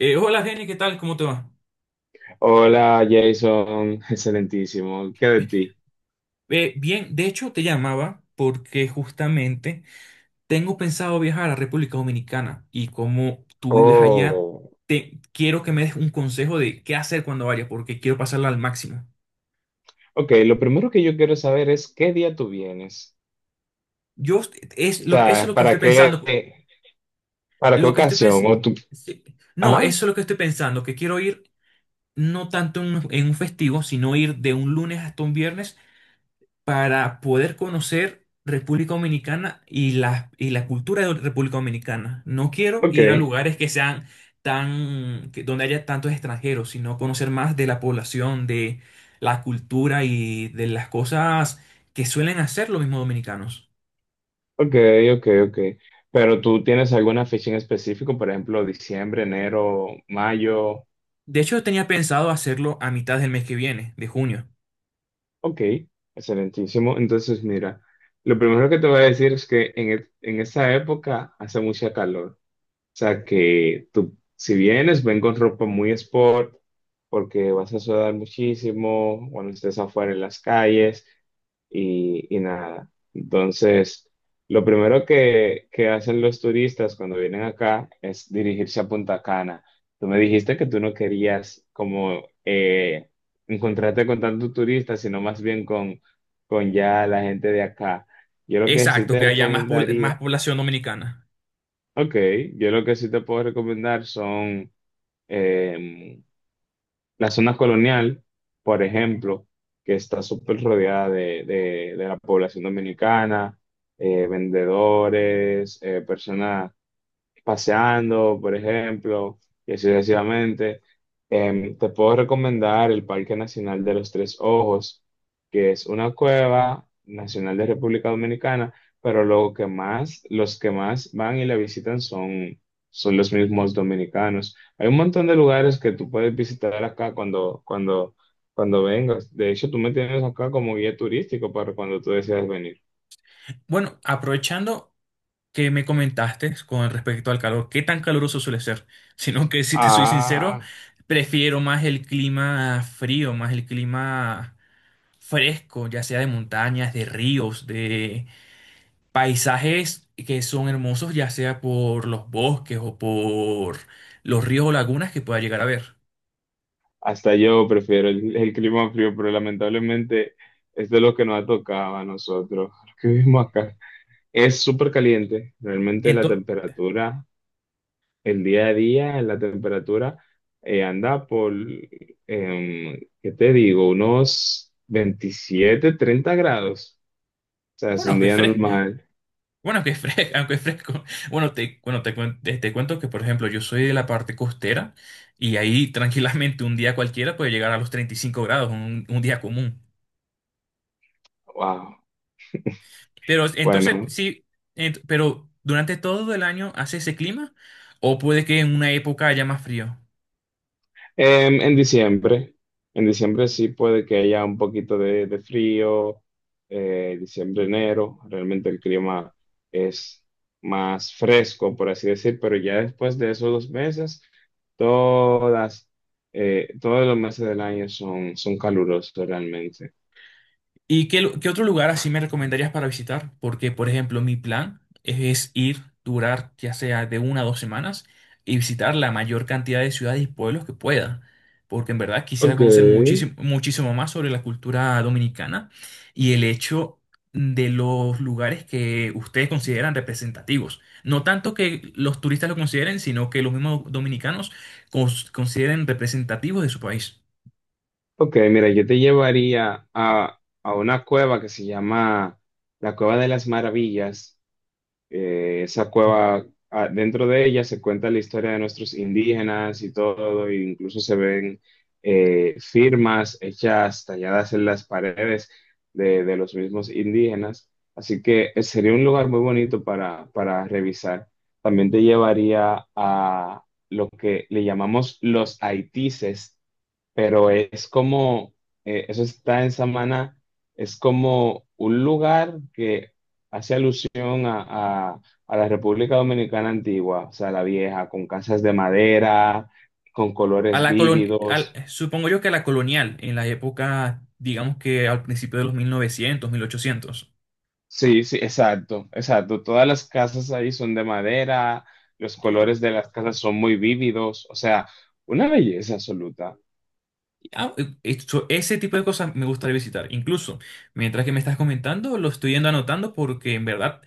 Hola Jenny, ¿qué tal? ¿Cómo te va? Hola Jason, excelentísimo. ¿Qué de ti? Bien, de hecho te llamaba porque justamente tengo pensado viajar a la República Dominicana y como tú vives allá, Oh, te quiero que me des un consejo de qué hacer cuando vaya porque quiero pasarla al máximo. ok, lo primero que yo quiero saber es qué día tú vienes. Yo O Eso es sea, lo que estoy ¿para qué, pensando, para qué lo que estoy ocasión? pens- O tú... sí, no, Ajá, eso es lo que estoy pensando, que quiero ir no tanto en un festivo, sino ir de un lunes hasta un viernes para poder conocer República Dominicana y la cultura de República Dominicana. No quiero ok, ir a lugares que sean tan, donde haya tantos extranjeros, sino conocer más de la población, de la cultura y de las cosas que suelen hacer los mismos dominicanos. ok, ok, ok. Pero tú tienes alguna fecha en específico, por ejemplo, diciembre, enero, mayo. De hecho, tenía pensado hacerlo a mitad del mes que viene, de junio. Ok, excelentísimo. Entonces, mira, lo primero que te voy a decir es que en esa época hace mucha calor. Sea que tú, si vienes, ven con ropa muy sport, porque vas a sudar muchísimo cuando estés afuera en las calles y nada. Entonces, lo primero que hacen los turistas cuando vienen acá es dirigirse a Punta Cana. Tú me dijiste que tú no querías como encontrarte con tantos turistas, sino más bien con ya la gente de acá. Yo lo que sí Exacto, te que haya más, más recomendaría. población dominicana. Ok, yo lo que sí te puedo recomendar son em, la zona colonial, por ejemplo, que está súper rodeada de la población dominicana, vendedores, personas paseando, por ejemplo, y así sucesivamente. Te puedo recomendar el Parque Nacional de los Tres Ojos, que es una cueva nacional de República Dominicana, pero lo que más, los que más van y la visitan son los mismos dominicanos. Hay un montón de lugares que tú puedes visitar acá cuando vengas. De hecho, tú me tienes acá como guía turístico para cuando tú deseas venir. Bueno, aprovechando que me comentaste con respecto al calor, qué tan caluroso suele ser, sino que si te soy sincero, Ah, prefiero más el clima frío, más el clima fresco, ya sea de montañas, de ríos, de paisajes que son hermosos, ya sea por los bosques o por los ríos o lagunas que pueda llegar a ver. hasta yo prefiero el clima frío, pero lamentablemente esto es de lo que nos ha tocado a nosotros, los que vivimos acá. Es súper caliente, realmente la Entonces, temperatura, el día a día, la temperatura anda por, ¿qué te digo? Unos 27 30 grados. O sea, es bueno, un que es día fresco. normal. Bueno, que es fresco, aunque es fresco. Bueno, te cuento que, por ejemplo, yo soy de la parte costera y ahí tranquilamente un día cualquiera puede llegar a los 35 grados, un día común. Wow. Pero entonces, Bueno, sí, pero durante todo el año hace ese clima o puede que en una época haya más frío. Em, en diciembre, en diciembre sí puede que haya un poquito de frío, diciembre, enero, realmente el clima es más fresco, por así decir, pero ya después de esos dos meses, todas, todos los meses del año son calurosos realmente. ¿Y qué, qué otro lugar así me recomendarías para visitar? Porque, por ejemplo, mi plan es ir, durar ya sea de una a dos semanas y visitar la mayor cantidad de ciudades y pueblos que pueda. Porque en verdad quisiera Ok, conocer muchísimo, muchísimo más sobre la cultura dominicana y el hecho de los lugares que ustedes consideran representativos. No tanto que los turistas lo consideren, sino que los mismos dominicanos consideren representativos de su país. ok, mira, yo te llevaría a una cueva que se llama la Cueva de las Maravillas. Esa cueva, ah, dentro de ella se cuenta la historia de nuestros indígenas y todo, e incluso se ven firmas hechas, talladas en las paredes de los mismos indígenas. Así que sería un lugar muy bonito para revisar. También te llevaría a lo que le llamamos los haitises, pero es como, eso está en Samana, es como un lugar que hace alusión a la República Dominicana antigua, o sea, la vieja, con casas de madera, con A colores la vívidos. supongo yo que a la colonial, en la época, digamos que al principio de los mil 1800. Sí, sí, exacto, exacto. Todas las casas ahí son de madera, los colores de las casas son muy vívidos, o sea, una belleza absoluta. Ah, ese tipo de cosas me gustaría visitar. Incluso, mientras que me estás comentando, lo estoy yendo anotando porque en verdad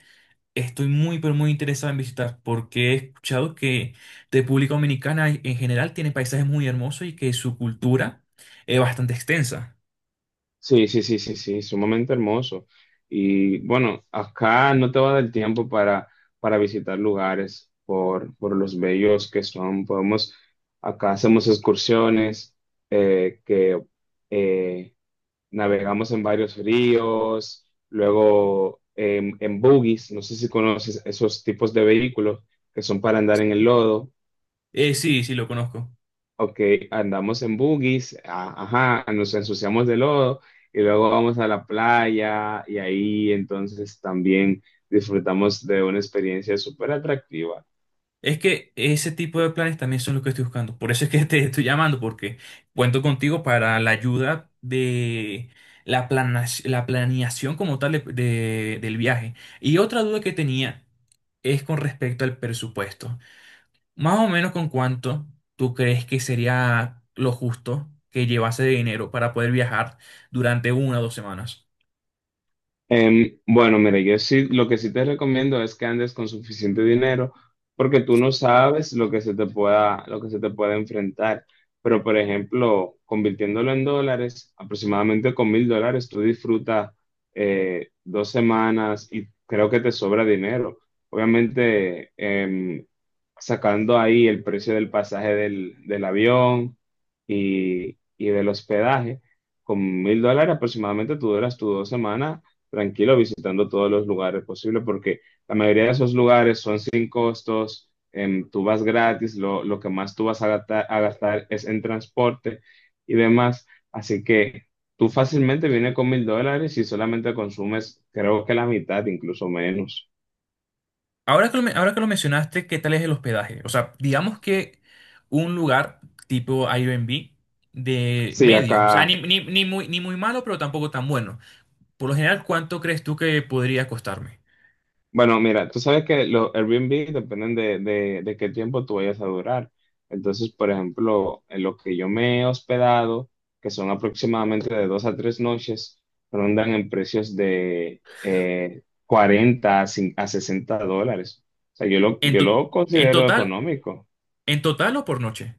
estoy muy, pero muy interesado en visitar, porque he escuchado que República Dominicana en general tiene paisajes muy hermosos y que su cultura es bastante extensa. Sí, sí, sí, sí, sí, sumamente hermoso. Y bueno, acá no te va a dar tiempo para visitar lugares por los bellos que son. Acá hacemos excursiones que eh, navegamos en varios ríos, luego en buggies. No sé si conoces esos tipos de vehículos que son para andar en el lodo. Sí, sí, lo conozco. Ok, andamos en buggies, ajá, nos ensuciamos de lodo y luego vamos a la playa y ahí entonces también disfrutamos de una experiencia súper atractiva. Es que ese tipo de planes también son los que estoy buscando. Por eso es que te estoy llamando, porque cuento contigo para la ayuda de la plana, la planeación como tal del viaje. Y otra duda que tenía es con respecto al presupuesto. Más o menos con cuánto tú crees que sería lo justo que llevase de dinero para poder viajar durante una o dos semanas. Bueno, mira, yo sí, lo que sí te recomiendo es que andes con suficiente dinero, porque tú no sabes lo que se te pueda enfrentar. Pero, por ejemplo, convirtiéndolo en dólares, aproximadamente con $1,000, tú disfrutas 2 semanas y creo que te sobra dinero. Obviamente, sacando ahí el precio del pasaje del avión y del hospedaje, con $1,000 aproximadamente tú duras tus 2 semanas tranquilo visitando todos los lugares posibles, porque la mayoría de esos lugares son sin costos, tú vas gratis. Lo que más tú vas a gastar, es en transporte y demás. Así que tú fácilmente vienes con $1,000 y solamente consumes, creo que la mitad, incluso menos. Ahora que lo mencionaste, ¿qué tal es el hospedaje? O sea, digamos que un lugar tipo Airbnb de Sí, medio, o sea, acá. ni, ni muy malo, pero tampoco tan bueno. Por lo general, ¿cuánto crees tú que podría costarme? Bueno, mira, tú sabes que los Airbnb dependen de qué tiempo tú vayas a durar. Entonces, por ejemplo, en lo que yo me he hospedado, que son aproximadamente de 2 a 3 noches, rondan en precios de 40 a $60. O sea, yo lo, En, yo to- lo en considero total, económico. en total o por noche.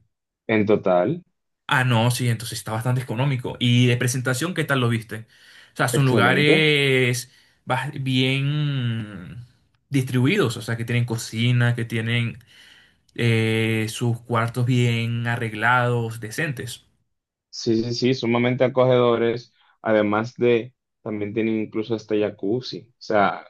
En total, Ah, no, sí, entonces está bastante económico. ¿Y de presentación, qué tal lo viste? O sea, son excelente. lugares bien distribuidos, o sea, que tienen cocina, que tienen sus cuartos bien arreglados, decentes. Sí, sí, sí, sumamente acogedores. Además también tienen incluso hasta jacuzzi. O sea,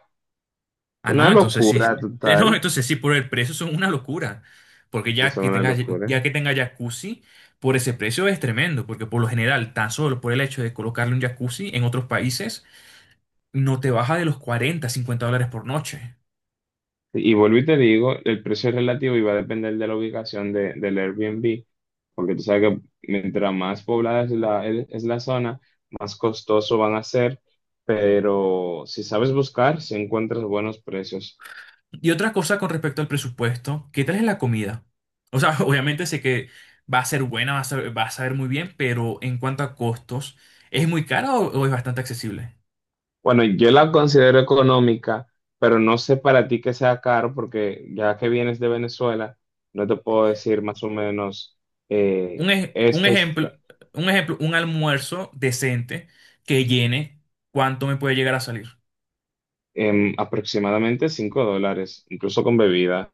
Ah, no, una entonces sí, locura no, total. entonces sí, por el precio son una locura, porque Sí, ya son que una tenga, ya locura. que tenga jacuzzi, por ese precio es tremendo, porque por lo general, tan solo por el hecho de colocarle un jacuzzi en otros países, no te baja de los $40, $50 por noche. Y vuelvo y te digo, el precio es relativo y va a depender de la ubicación del Airbnb, porque tú sabes que mientras más poblada es la zona, más costoso van a ser, pero si sabes buscar, si encuentras buenos precios. Y otra cosa con respecto al presupuesto, ¿qué tal es la comida? O sea, obviamente sé que va a ser buena, va a saber muy bien, pero en cuanto a costos, ¿es muy cara o es bastante accesible? Bueno, yo la considero económica, pero no sé para ti que sea caro, porque ya que vienes de Venezuela, no te puedo decir más o menos. Un, ej- un Esto es ejemplo, ca- un ejemplo, un almuerzo decente que llene cuánto me puede llegar a salir. em, Aproximadamente $5, incluso con bebida.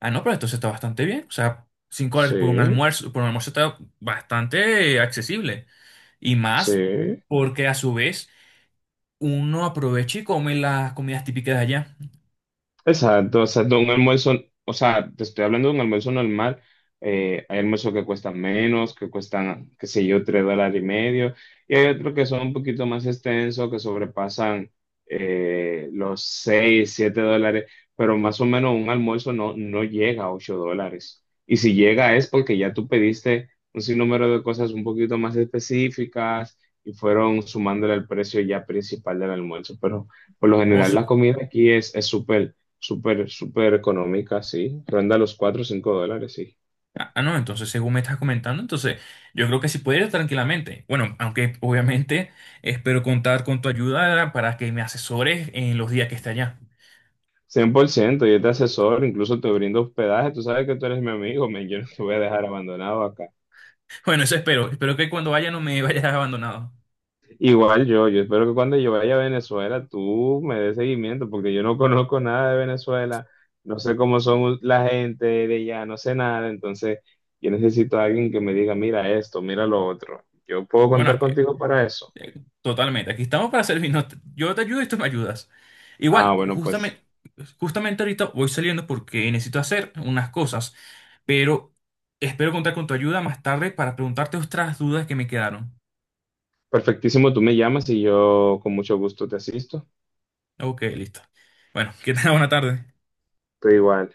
Ah, no, pero entonces está bastante bien. O sea, $5 Sí, por un almuerzo está bastante accesible. Y más sí. porque a su vez uno aprovecha y come las comidas típicas de allá. Exacto, un almuerzo, o sea, te estoy hablando de un almuerzo normal. Hay almuerzos que cuestan menos, que cuestan, qué sé yo, $3.50, y hay otros que son un poquito más extensos, que sobrepasan los seis, siete dólares, pero más o menos un almuerzo no llega a $8, y si llega es porque ya tú pediste un sinnúmero de cosas un poquito más específicas y fueron sumándole al precio ya principal del almuerzo, pero. Por lo O general, su- la comida aquí es súper súper, súper económica, sí. Ronda los $4 o $5, sí. ah, ah, No, entonces según me estás comentando, entonces yo creo que sí puede ir tranquilamente. Bueno, aunque obviamente espero contar con tu ayuda para que me asesores en los días que esté allá. 100% yo te asesoro, incluso te brindo hospedaje, tú sabes que tú eres mi amigo, men, yo no te voy a dejar abandonado acá. Bueno, eso espero. Espero que cuando vaya no me vayas abandonado. Igual yo espero que cuando yo vaya a Venezuela tú me des seguimiento, porque yo no conozco nada de Venezuela, no sé cómo son la gente de allá, no sé nada, entonces yo necesito a alguien que me diga, mira esto, mira lo otro. Yo puedo Bueno, es contar que contigo para eso. eh, totalmente. Aquí estamos para servirnos. Yo te ayudo y tú me ayudas. Igual, Ah, bueno, pues justamente, justamente ahorita voy saliendo porque necesito hacer unas cosas, pero espero contar con tu ayuda más tarde para preguntarte otras dudas que me quedaron. perfectísimo, tú me llamas y yo con mucho gusto te asisto. Ok, listo. Bueno, que tengas buena tarde. Estoy igual.